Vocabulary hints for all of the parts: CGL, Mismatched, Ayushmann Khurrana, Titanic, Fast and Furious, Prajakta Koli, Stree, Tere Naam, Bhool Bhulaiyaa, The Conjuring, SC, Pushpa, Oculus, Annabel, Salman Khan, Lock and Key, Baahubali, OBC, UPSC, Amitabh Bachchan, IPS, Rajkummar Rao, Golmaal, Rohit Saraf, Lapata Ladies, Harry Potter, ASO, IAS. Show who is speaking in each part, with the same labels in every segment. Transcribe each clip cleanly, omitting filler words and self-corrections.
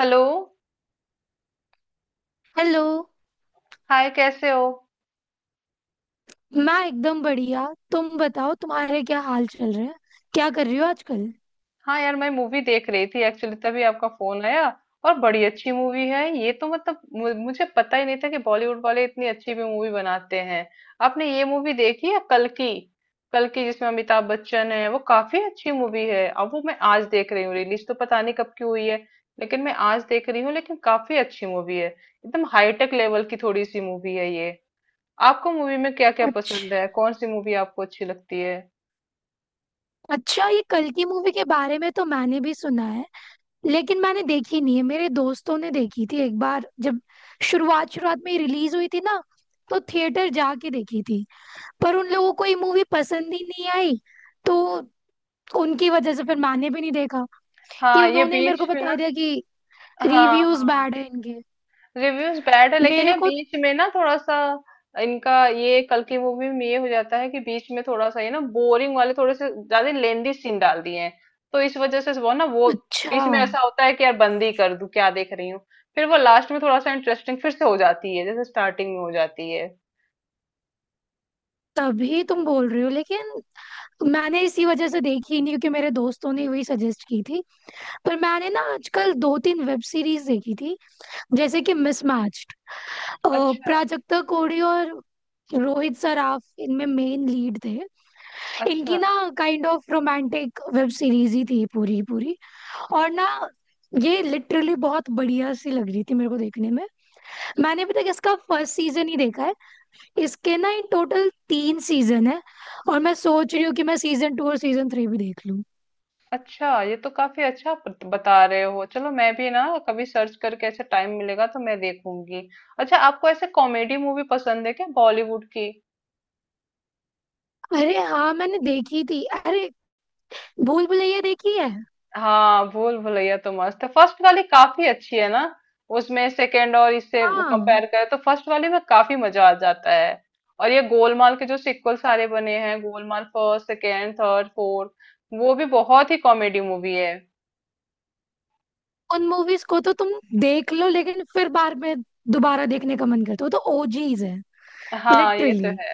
Speaker 1: Hello.
Speaker 2: Hello.
Speaker 1: Hi कैसे हो।
Speaker 2: मैं एकदम बढ़िया। तुम बताओ, तुम्हारे क्या हाल चल रहे हैं? क्या कर रही हो आजकल?
Speaker 1: हाँ यार मैं मूवी देख रही थी एक्चुअली तभी आपका फोन आया। और बड़ी अच्छी मूवी है ये तो, मतलब मुझे पता ही नहीं था कि बॉलीवुड वाले इतनी अच्छी भी मूवी बनाते हैं। आपने ये मूवी देखी है कल की? कल की जिसमें अमिताभ बच्चन है, वो काफी अच्छी मूवी है। अब वो मैं आज देख रही हूँ, रिलीज तो पता नहीं कब की हुई है, लेकिन मैं आज देख रही हूँ। लेकिन काफी अच्छी मूवी है, एकदम हाईटेक लेवल की थोड़ी सी मूवी है ये। आपको मूवी में क्या क्या पसंद है,
Speaker 2: अच्छा।
Speaker 1: कौन सी मूवी आपको अच्छी लगती है?
Speaker 2: अच्छा, ये कल की मूवी के बारे में तो मैंने भी सुना है, लेकिन मैंने देखी नहीं है। मेरे दोस्तों ने देखी थी एक बार, जब शुरुआत शुरुआत में रिलीज हुई थी ना, तो थिएटर जाके देखी थी। पर उन लोगों को ये मूवी पसंद ही नहीं आई, तो उनकी वजह से फिर मैंने भी नहीं देखा। कि
Speaker 1: हाँ ये
Speaker 2: उन्होंने मेरे को
Speaker 1: बीच में
Speaker 2: बता
Speaker 1: ना।
Speaker 2: दिया कि
Speaker 1: हाँ
Speaker 2: रिव्यूज
Speaker 1: हाँ,
Speaker 2: बैड है इनके।
Speaker 1: रिव्यूज बैड है, लेकिन
Speaker 2: मेरे
Speaker 1: ये
Speaker 2: को
Speaker 1: बीच में ना थोड़ा सा इनका, ये कल की मूवी में ये हो जाता है कि बीच में थोड़ा सा ये ना बोरिंग वाले थोड़े से ज्यादा लेंदी सीन डाल दिए हैं। तो इस वजह से वो ना वो
Speaker 2: अच्छा।
Speaker 1: बीच में ऐसा होता है कि यार बंद ही कर दूं क्या, देख रही हूँ। फिर वो लास्ट में थोड़ा सा इंटरेस्टिंग फिर से हो जाती है, जैसे स्टार्टिंग में हो जाती है।
Speaker 2: तभी तुम बोल रहे हो, लेकिन मैंने इसी वजह से देखी ही नहीं, क्योंकि मेरे दोस्तों ने वही सजेस्ट की थी। पर मैंने ना आजकल दो तीन वेब सीरीज देखी थी, जैसे कि मिसमैच्ड।
Speaker 1: अच्छा।
Speaker 2: प्राजक्ता कोड़ी और रोहित सराफ इनमें मेन लीड थे। इनकी
Speaker 1: अच्छा,
Speaker 2: ना kind of romantic web series ही थी पूरी की पूरी। और ना ये लिटरली बहुत बढ़िया सी लग रही थी मेरे को देखने में। मैंने अभी तक इसका फर्स्ट सीजन ही देखा है। इसके ना इन टोटल तीन सीजन है, और मैं सोच रही हूँ कि मैं सीजन टू और सीजन थ्री भी देख लूँ।
Speaker 1: अच्छा ये तो काफी अच्छा बता रहे हो। चलो मैं भी ना कभी सर्च करके, ऐसे टाइम मिलेगा तो मैं देखूंगी। अच्छा आपको ऐसे कॉमेडी मूवी पसंद है क्या बॉलीवुड की?
Speaker 2: अरे हाँ, मैंने देखी थी। अरे, भूल भुलैया देखी है।
Speaker 1: हाँ भूल भुलैया तो मस्त है, फर्स्ट वाली काफी अच्छी है ना। उसमें सेकंड और इससे
Speaker 2: हाँ।
Speaker 1: कंपेयर करें तो फर्स्ट वाली में काफी मजा आ जाता है। और ये गोलमाल के जो सिक्वल सारे बने हैं, Golmaal first second third fourth, वो भी बहुत ही कॉमेडी मूवी है।
Speaker 2: उन मूवीज को तो तुम देख लो, लेकिन फिर बाद में दोबारा देखने का मन करता हो तो ओजीज है
Speaker 1: हाँ ये तो
Speaker 2: लिटरली।
Speaker 1: है।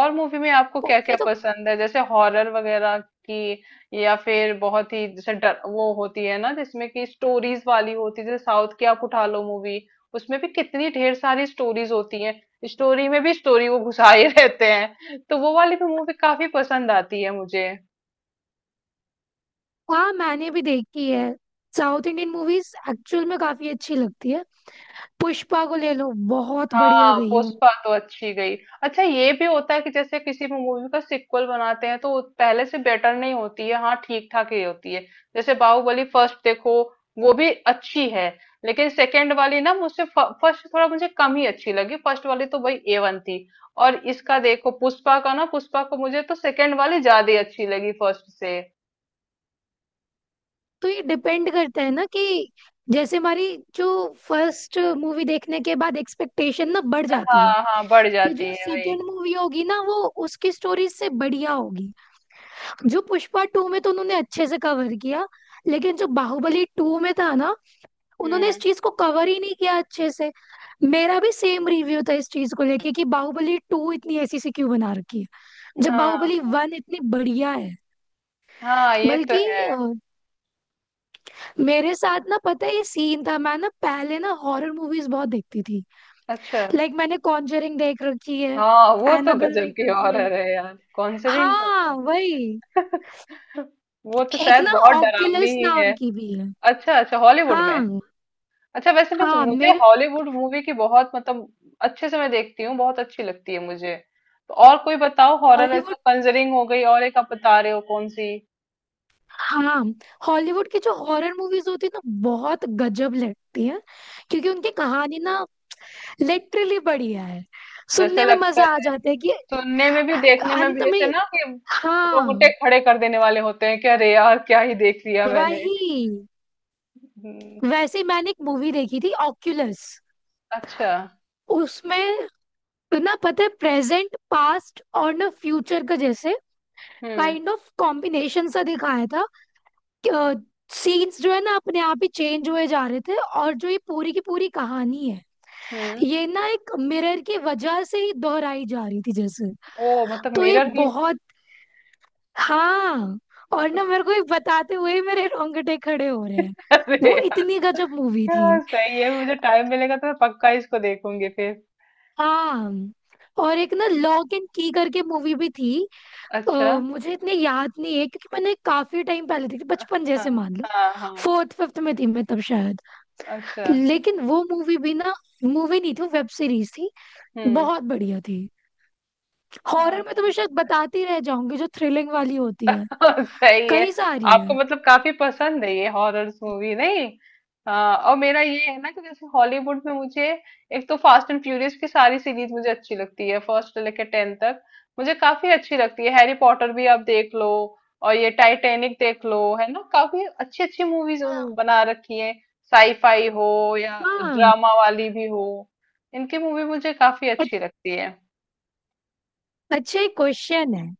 Speaker 1: और मूवी में आपको क्या क्या
Speaker 2: उनसे तो
Speaker 1: पसंद है, जैसे हॉरर वगैरह की? या फिर बहुत ही जैसे डर वो होती है ना जिसमें कि स्टोरीज वाली होती है, जैसे साउथ की आप उठा लो मूवी, उसमें भी कितनी ढेर सारी स्टोरीज होती हैं। स्टोरी में भी स्टोरी वो घुसाए रहते हैं, तो वो वाली भी मूवी काफी पसंद आती है मुझे।
Speaker 2: हाँ, मैंने भी देखी है। साउथ इंडियन मूवीज एक्चुअल में काफी अच्छी लगती है। पुष्पा को ले लो, बहुत बढ़िया
Speaker 1: हाँ
Speaker 2: गई है वो।
Speaker 1: पुष्पा तो अच्छी गई। अच्छा ये भी होता है कि जैसे किसी मूवी का सिक्वल बनाते हैं तो वो पहले से बेटर नहीं होती है, हाँ ठीक ठाक ही होती है। जैसे बाहुबली फर्स्ट देखो, वो भी अच्छी है, लेकिन सेकंड वाली ना मुझसे फर्स्ट थोड़ा मुझे कम ही अच्छी लगी, फर्स्ट वाली तो भाई ए वन थी। और इसका देखो पुष्पा का, ना पुष्पा को मुझे तो सेकंड वाली ज्यादा अच्छी लगी फर्स्ट से।
Speaker 2: तो ये डिपेंड करता है ना कि जैसे हमारी जो फर्स्ट मूवी देखने के बाद एक्सपेक्टेशन ना बढ़ जाती है
Speaker 1: हाँ हाँ बढ़
Speaker 2: कि
Speaker 1: जाती
Speaker 2: जो
Speaker 1: है भाई।
Speaker 2: सेकंड मूवी होगी ना, वो उसकी स्टोरी से बढ़िया होगी। जो पुष्पा टू में तो उन्होंने अच्छे से कवर किया, लेकिन जो बाहुबली टू में था ना, उन्होंने इस
Speaker 1: हम्म।
Speaker 2: चीज को कवर ही नहीं किया अच्छे से। मेरा भी सेम रिव्यू था इस चीज को लेके कि बाहुबली टू इतनी ऐसी सी क्यों बना रखी है, जब बाहुबली
Speaker 1: हाँ
Speaker 2: वन इतनी बढ़िया है।
Speaker 1: हाँ ये तो
Speaker 2: बल्कि
Speaker 1: है।
Speaker 2: मेरे साथ ना पता है ये सीन था, मैं ना पहले ना हॉरर मूवीज बहुत देखती थी।
Speaker 1: अच्छा।
Speaker 2: लाइक मैंने कॉन्जरिंग देख रखी है,
Speaker 1: हाँ वो तो
Speaker 2: एनाबेल
Speaker 1: गजब
Speaker 2: देख
Speaker 1: की
Speaker 2: रखी है।
Speaker 1: हॉरर है यार, कॉन्जरिंग तो
Speaker 2: हाँ
Speaker 1: बहुत।
Speaker 2: वही।
Speaker 1: वो तो
Speaker 2: एक
Speaker 1: शायद
Speaker 2: ना
Speaker 1: बहुत डरावनी
Speaker 2: ऑक्यूलस
Speaker 1: ही है।
Speaker 2: नाम की भी है।
Speaker 1: अच्छा अच्छा हॉलीवुड में।
Speaker 2: हाँ।
Speaker 1: अच्छा वैसे मैं,
Speaker 2: हाँ
Speaker 1: मुझे
Speaker 2: मेरे
Speaker 1: हॉलीवुड मूवी की बहुत मतलब अच्छे से मैं देखती हूँ, बहुत अच्छी लगती है मुझे। तो और कोई बताओ हॉरर, ऐसा
Speaker 2: हॉलीवुड।
Speaker 1: कंजरिंग हो गई और एक आप बता रहे हो कौन सी।
Speaker 2: हाँ, हॉलीवुड की जो हॉरर मूवीज होती है ना, बहुत गजब लगती है, क्योंकि उनकी कहानी ना लिटरली बढ़िया है।
Speaker 1: जैसे
Speaker 2: सुनने में
Speaker 1: लगता
Speaker 2: मजा आ
Speaker 1: है
Speaker 2: जाता है कि
Speaker 1: सुनने में भी देखने में
Speaker 2: अंत
Speaker 1: भी,
Speaker 2: में।
Speaker 1: जैसे ना कि रोंगटे
Speaker 2: हाँ
Speaker 1: खड़े कर देने वाले होते हैं कि अरे यार क्या ही देख लिया मैंने।
Speaker 2: वही।
Speaker 1: हम्म,
Speaker 2: वैसे ही मैंने एक मूवी देखी थी ऑक्यूलस।
Speaker 1: अच्छा।
Speaker 2: उसमें ना पता है प्रेजेंट पास्ट और ना फ्यूचर का जैसे
Speaker 1: हम्म
Speaker 2: काइंड ऑफ कॉम्बिनेशन सा दिखाया था। सीन्स जो है ना, अपने आप ही चेंज हुए जा रहे थे, और जो ये पूरी की पूरी कहानी है,
Speaker 1: हम्म।
Speaker 2: ये ना एक मिरर की वजह से ही दोहराई जा रही थी जैसे।
Speaker 1: ओ मतलब
Speaker 2: तो ये
Speaker 1: मिरर की।
Speaker 2: बहुत। हाँ, और ना मेरे को ये बताते हुए ही मेरे रोंगटे खड़े हो रहे हैं। वो
Speaker 1: अरे
Speaker 2: इतनी गजब मूवी
Speaker 1: यार
Speaker 2: थी।
Speaker 1: सही है, मुझे टाइम मिलेगा तो मैं पक्का इसको देखूंगी फिर।
Speaker 2: हाँ, और एक ना लॉक एंड की करके मूवी भी थी। अ,
Speaker 1: अच्छा।
Speaker 2: मुझे इतनी याद नहीं है, क्योंकि मैंने काफी टाइम पहले देखी, बचपन जैसे
Speaker 1: हाँ
Speaker 2: मान लो,
Speaker 1: हाँ हाँ।
Speaker 2: फोर्थ फिफ्थ में थी मैं तब शायद।
Speaker 1: अच्छा।
Speaker 2: लेकिन वो मूवी भी ना, मूवी नहीं थी, वेब सीरीज थी,
Speaker 1: हम्म।
Speaker 2: बहुत बढ़िया थी। हॉरर में तो मैं
Speaker 1: हाँ।
Speaker 2: शायद बताती रह जाऊंगी। जो थ्रिलिंग वाली होती है,
Speaker 1: सही है।
Speaker 2: कई सारी
Speaker 1: आपको
Speaker 2: है।
Speaker 1: मतलब काफी पसंद है ये हॉरर्स मूवी नहीं? हाँ और मेरा ये है ना कि जैसे हॉलीवुड में मुझे, एक तो फास्ट एंड फ्यूरियस की सारी सीरीज मुझे अच्छी लगती है फर्स्ट से लेकर टेन तक, मुझे काफी अच्छी लगती है। हैरी पॉटर भी आप देख लो, और ये टाइटैनिक देख लो, है ना काफी अच्छी अच्छी मूवीज बना रखी है। साईफाई हो या
Speaker 2: हाँ।
Speaker 1: ड्रामा वाली भी हो, इनकी मूवी मुझे काफी
Speaker 2: अ-
Speaker 1: अच्छी लगती है।
Speaker 2: अच्छा, एक क्वेश्चन है।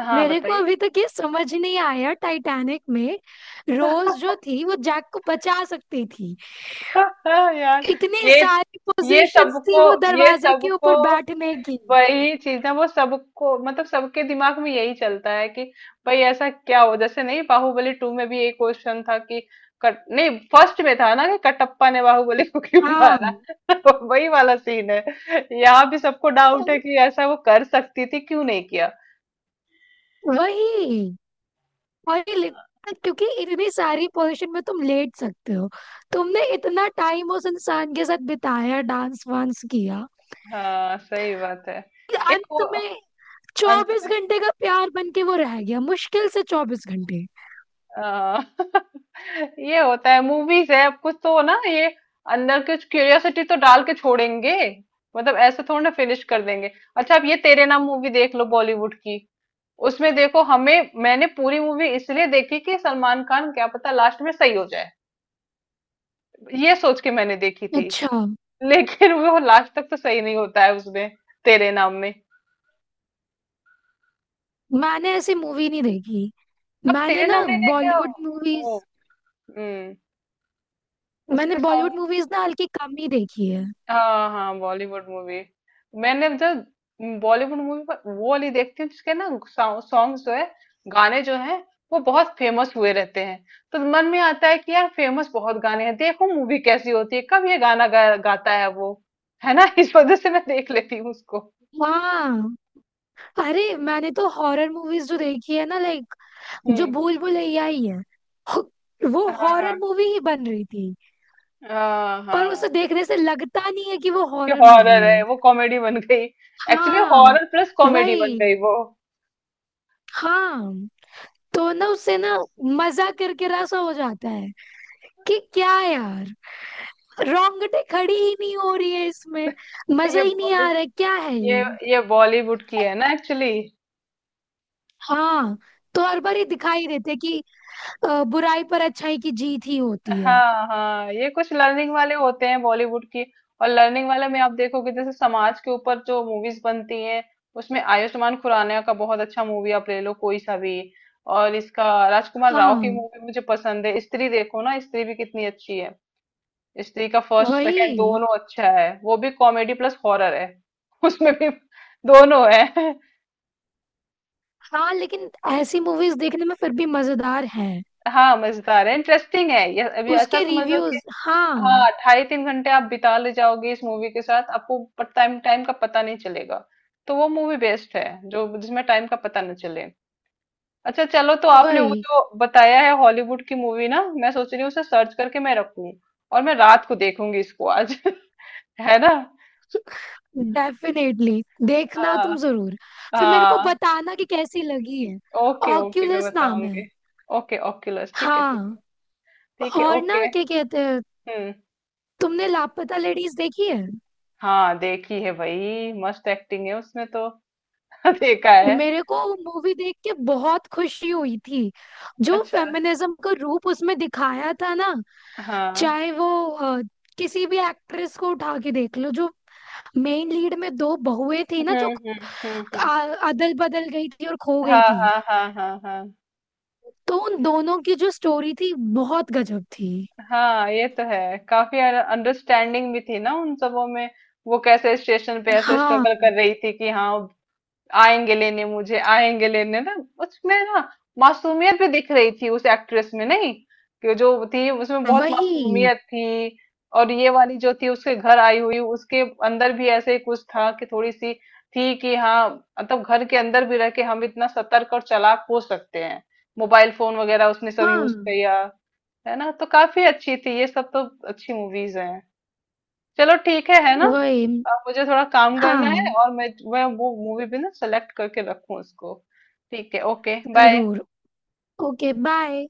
Speaker 1: हाँ
Speaker 2: मेरे को
Speaker 1: बताइए।
Speaker 2: अभी तक ये समझ नहीं आया, टाइटैनिक में रोज जो थी, वो जैक को बचा सकती थी।
Speaker 1: यार।
Speaker 2: इतनी
Speaker 1: ये
Speaker 2: सारी
Speaker 1: ये
Speaker 2: पोजीशंस थी
Speaker 1: सबको
Speaker 2: वो
Speaker 1: ये
Speaker 2: दरवाजे के
Speaker 1: सबको
Speaker 2: ऊपर बैठने की।
Speaker 1: वही चीज ना वो सबको, मतलब सबके दिमाग में यही चलता है कि भाई ऐसा क्या हो। जैसे नहीं, बाहुबली टू में भी एक क्वेश्चन था कि, कट नहीं फर्स्ट में था ना कि कटप्पा ने बाहुबली को क्यों
Speaker 2: हाँ।
Speaker 1: मारा। तो वही वाला सीन है, यहाँ भी सबको डाउट है
Speaker 2: तो
Speaker 1: कि ऐसा वो कर सकती थी, क्यों नहीं किया।
Speaker 2: वही, वही। क्योंकि इतनी सारी पोजीशन में तुम लेट सकते हो। तुमने इतना टाइम उस इंसान के साथ बिताया, डांस वांस किया,
Speaker 1: हाँ सही बात है।
Speaker 2: कि
Speaker 1: एक वो
Speaker 2: अंत में 24 घंटे का प्यार बन के वो रह गया, मुश्किल से 24 घंटे।
Speaker 1: आ, ये होता है, मूवीज है अब, कुछ तो ना ये अंदर कुछ क्यूरियोसिटी तो डाल के छोड़ेंगे, मतलब ऐसे थोड़ा ना फिनिश कर देंगे। अच्छा अब ये तेरे नाम मूवी देख लो बॉलीवुड की, उसमें देखो हमें, मैंने पूरी मूवी इसलिए देखी कि सलमान खान क्या पता लास्ट में सही हो जाए, ये सोच के मैंने देखी थी।
Speaker 2: अच्छा।
Speaker 1: लेकिन वो लास्ट तक तो सही नहीं होता है उसमें, तेरे नाम में।
Speaker 2: मैंने ऐसी मूवी नहीं देखी।
Speaker 1: अब
Speaker 2: मैंने
Speaker 1: तेरे
Speaker 2: ना
Speaker 1: नाम नहीं देखे हो?
Speaker 2: बॉलीवुड मूवीज,
Speaker 1: ओ, हम्म।
Speaker 2: मैंने
Speaker 1: उसके
Speaker 2: बॉलीवुड
Speaker 1: सॉन्ग।
Speaker 2: मूवीज ना हल्की कम ही देखी है।
Speaker 1: हाँ, हाँ, बॉलीवुड मूवी। मैंने जो बॉलीवुड मूवी, पर वो वाली देखती हूँ जिसके ना सॉन्ग्स जो है, गाने जो हैं वो बहुत फेमस हुए रहते हैं। तो मन में आता है कि यार फेमस बहुत गाने हैं, देखो मूवी कैसी होती है, कब ये गाना गाता है वो, है ना। इस वजह से मैं देख लेती हूँ उसको।
Speaker 2: हाँ। अरे, मैंने तो हॉरर मूवीज जो देखी है ना, लाइक जो
Speaker 1: हम्म।
Speaker 2: भूल भुलैया ही है, हो- वो
Speaker 1: हाँ
Speaker 2: हॉरर मूवी ही बन रही थी,
Speaker 1: हाँ।
Speaker 2: पर
Speaker 1: हाँ
Speaker 2: उसे देखने से लगता नहीं है कि वो
Speaker 1: कि
Speaker 2: हॉरर मूवी
Speaker 1: हॉरर है
Speaker 2: है।
Speaker 1: वो कॉमेडी बन गई। एक्चुअली
Speaker 2: हाँ
Speaker 1: हॉरर प्लस कॉमेडी बन
Speaker 2: वही।
Speaker 1: गई वो।
Speaker 2: हाँ, तो ना उससे ना मजा करके रसा हो जाता है कि क्या यार, रोंगटे खड़ी ही नहीं हो रही है इसमें, मजा
Speaker 1: ये
Speaker 2: ही नहीं
Speaker 1: बॉली
Speaker 2: आ रहा है, क्या है
Speaker 1: ये
Speaker 2: ये।
Speaker 1: ये बॉलीवुड की है ना एक्चुअली।
Speaker 2: हाँ, तो हर बार ये दिखाई देते कि बुराई पर अच्छाई की जीत ही होती है।
Speaker 1: हाँ हाँ ये कुछ लर्निंग वाले होते हैं बॉलीवुड की। और लर्निंग वाले में आप देखोगे, जैसे समाज के ऊपर जो मूवीज बनती हैं, उसमें आयुष्मान खुराना का बहुत अच्छा मूवी आप ले लो कोई सा भी। और इसका राजकुमार राव की
Speaker 2: हाँ
Speaker 1: मूवी मुझे पसंद है, स्त्री देखो ना, स्त्री भी कितनी अच्छी है। स्त्री का फर्स्ट
Speaker 2: वही।
Speaker 1: सेकंड दोनों अच्छा है, वो भी कॉमेडी प्लस हॉरर है। उसमें भी दोनों है।
Speaker 2: हाँ, लेकिन ऐसी मूवीज देखने में फिर भी मजेदार हैं।
Speaker 1: हाँ मजेदार है, इंटरेस्टिंग है, ये अभी ऐसा
Speaker 2: उसके
Speaker 1: समझ लो कि,
Speaker 2: रिव्यूज हाँ
Speaker 1: हाँ ढाई तीन घंटे आप बिता ले जाओगे इस मूवी के साथ, आपको टाइम, टाइम का पता नहीं चलेगा। तो वो मूवी बेस्ट है जो, जिसमें टाइम का पता न चले। अच्छा चलो, तो आपने वो
Speaker 2: वही।
Speaker 1: जो बताया है हॉलीवुड की मूवी ना, मैं सोच रही हूँ उसे सर्च करके मैं रखूँ और मैं रात को देखूंगी इसको आज। है ना।
Speaker 2: डेफिनेटली देखना
Speaker 1: हाँ।
Speaker 2: तुम जरूर। फिर मेरे को
Speaker 1: हाँ।
Speaker 2: बताना कि कैसी लगी है।
Speaker 1: ओके ओके मैं
Speaker 2: ऑक्यूलस नाम है।
Speaker 1: बताऊंगी। ओके ओक्यूलस ठीक है ठीक
Speaker 2: हाँ।
Speaker 1: है। ठीक है
Speaker 2: और ना,
Speaker 1: ओके।
Speaker 2: क्या कहते हैं,
Speaker 1: हम्म।
Speaker 2: तुमने लापता लेडीज देखी है?
Speaker 1: हाँ देखी है भाई, मस्त एक्टिंग है उसमें तो। देखा है।
Speaker 2: मेरे को मूवी देख के बहुत खुशी हुई थी, जो
Speaker 1: अच्छा।
Speaker 2: फेमिनिज्म का रूप उसमें दिखाया था ना।
Speaker 1: हाँ।
Speaker 2: चाहे वो किसी भी एक्ट्रेस को उठा के देख लो, जो मेन लीड में दो बहुएं थी ना, जो
Speaker 1: हम्म। हम्म हम्म।
Speaker 2: अदल बदल गई थी और खो गई
Speaker 1: हाँ
Speaker 2: थी,
Speaker 1: हाँ हाँ हाँ हाँ।
Speaker 2: तो उन दोनों की जो स्टोरी थी, बहुत गजब थी।
Speaker 1: हाँ ये तो है, काफी अंडरस्टैंडिंग भी थी ना उन सबों में, वो कैसे स्टेशन पे ऐसे स्ट्रगल
Speaker 2: हाँ
Speaker 1: कर रही थी कि हाँ आएंगे लेने मुझे, आएंगे लेने ना। उसमें ना मासूमियत भी दिख रही थी उस एक्ट्रेस में, नहीं कि जो थी उसमें बहुत
Speaker 2: वही।
Speaker 1: मासूमियत थी। और ये वाली जो थी उसके घर आई हुई, उसके अंदर भी ऐसे ही कुछ था कि थोड़ी सी थी कि हाँ, मतलब घर के अंदर भी रह के हम इतना सतर्क और चालाक हो सकते हैं। मोबाइल फोन वगैरह उसने सब
Speaker 2: हाँ
Speaker 1: यूज किया, है ना। तो काफी अच्छी थी ये, सब तो अच्छी मूवीज हैं। चलो ठीक है ना।
Speaker 2: वही।
Speaker 1: अब मुझे थोड़ा काम करना है,
Speaker 2: हाँ,
Speaker 1: और मैं वो मूवी भी ना सेलेक्ट करके रखूं उसको। ठीक है, ओके बाय।
Speaker 2: जरूर। Okay bye.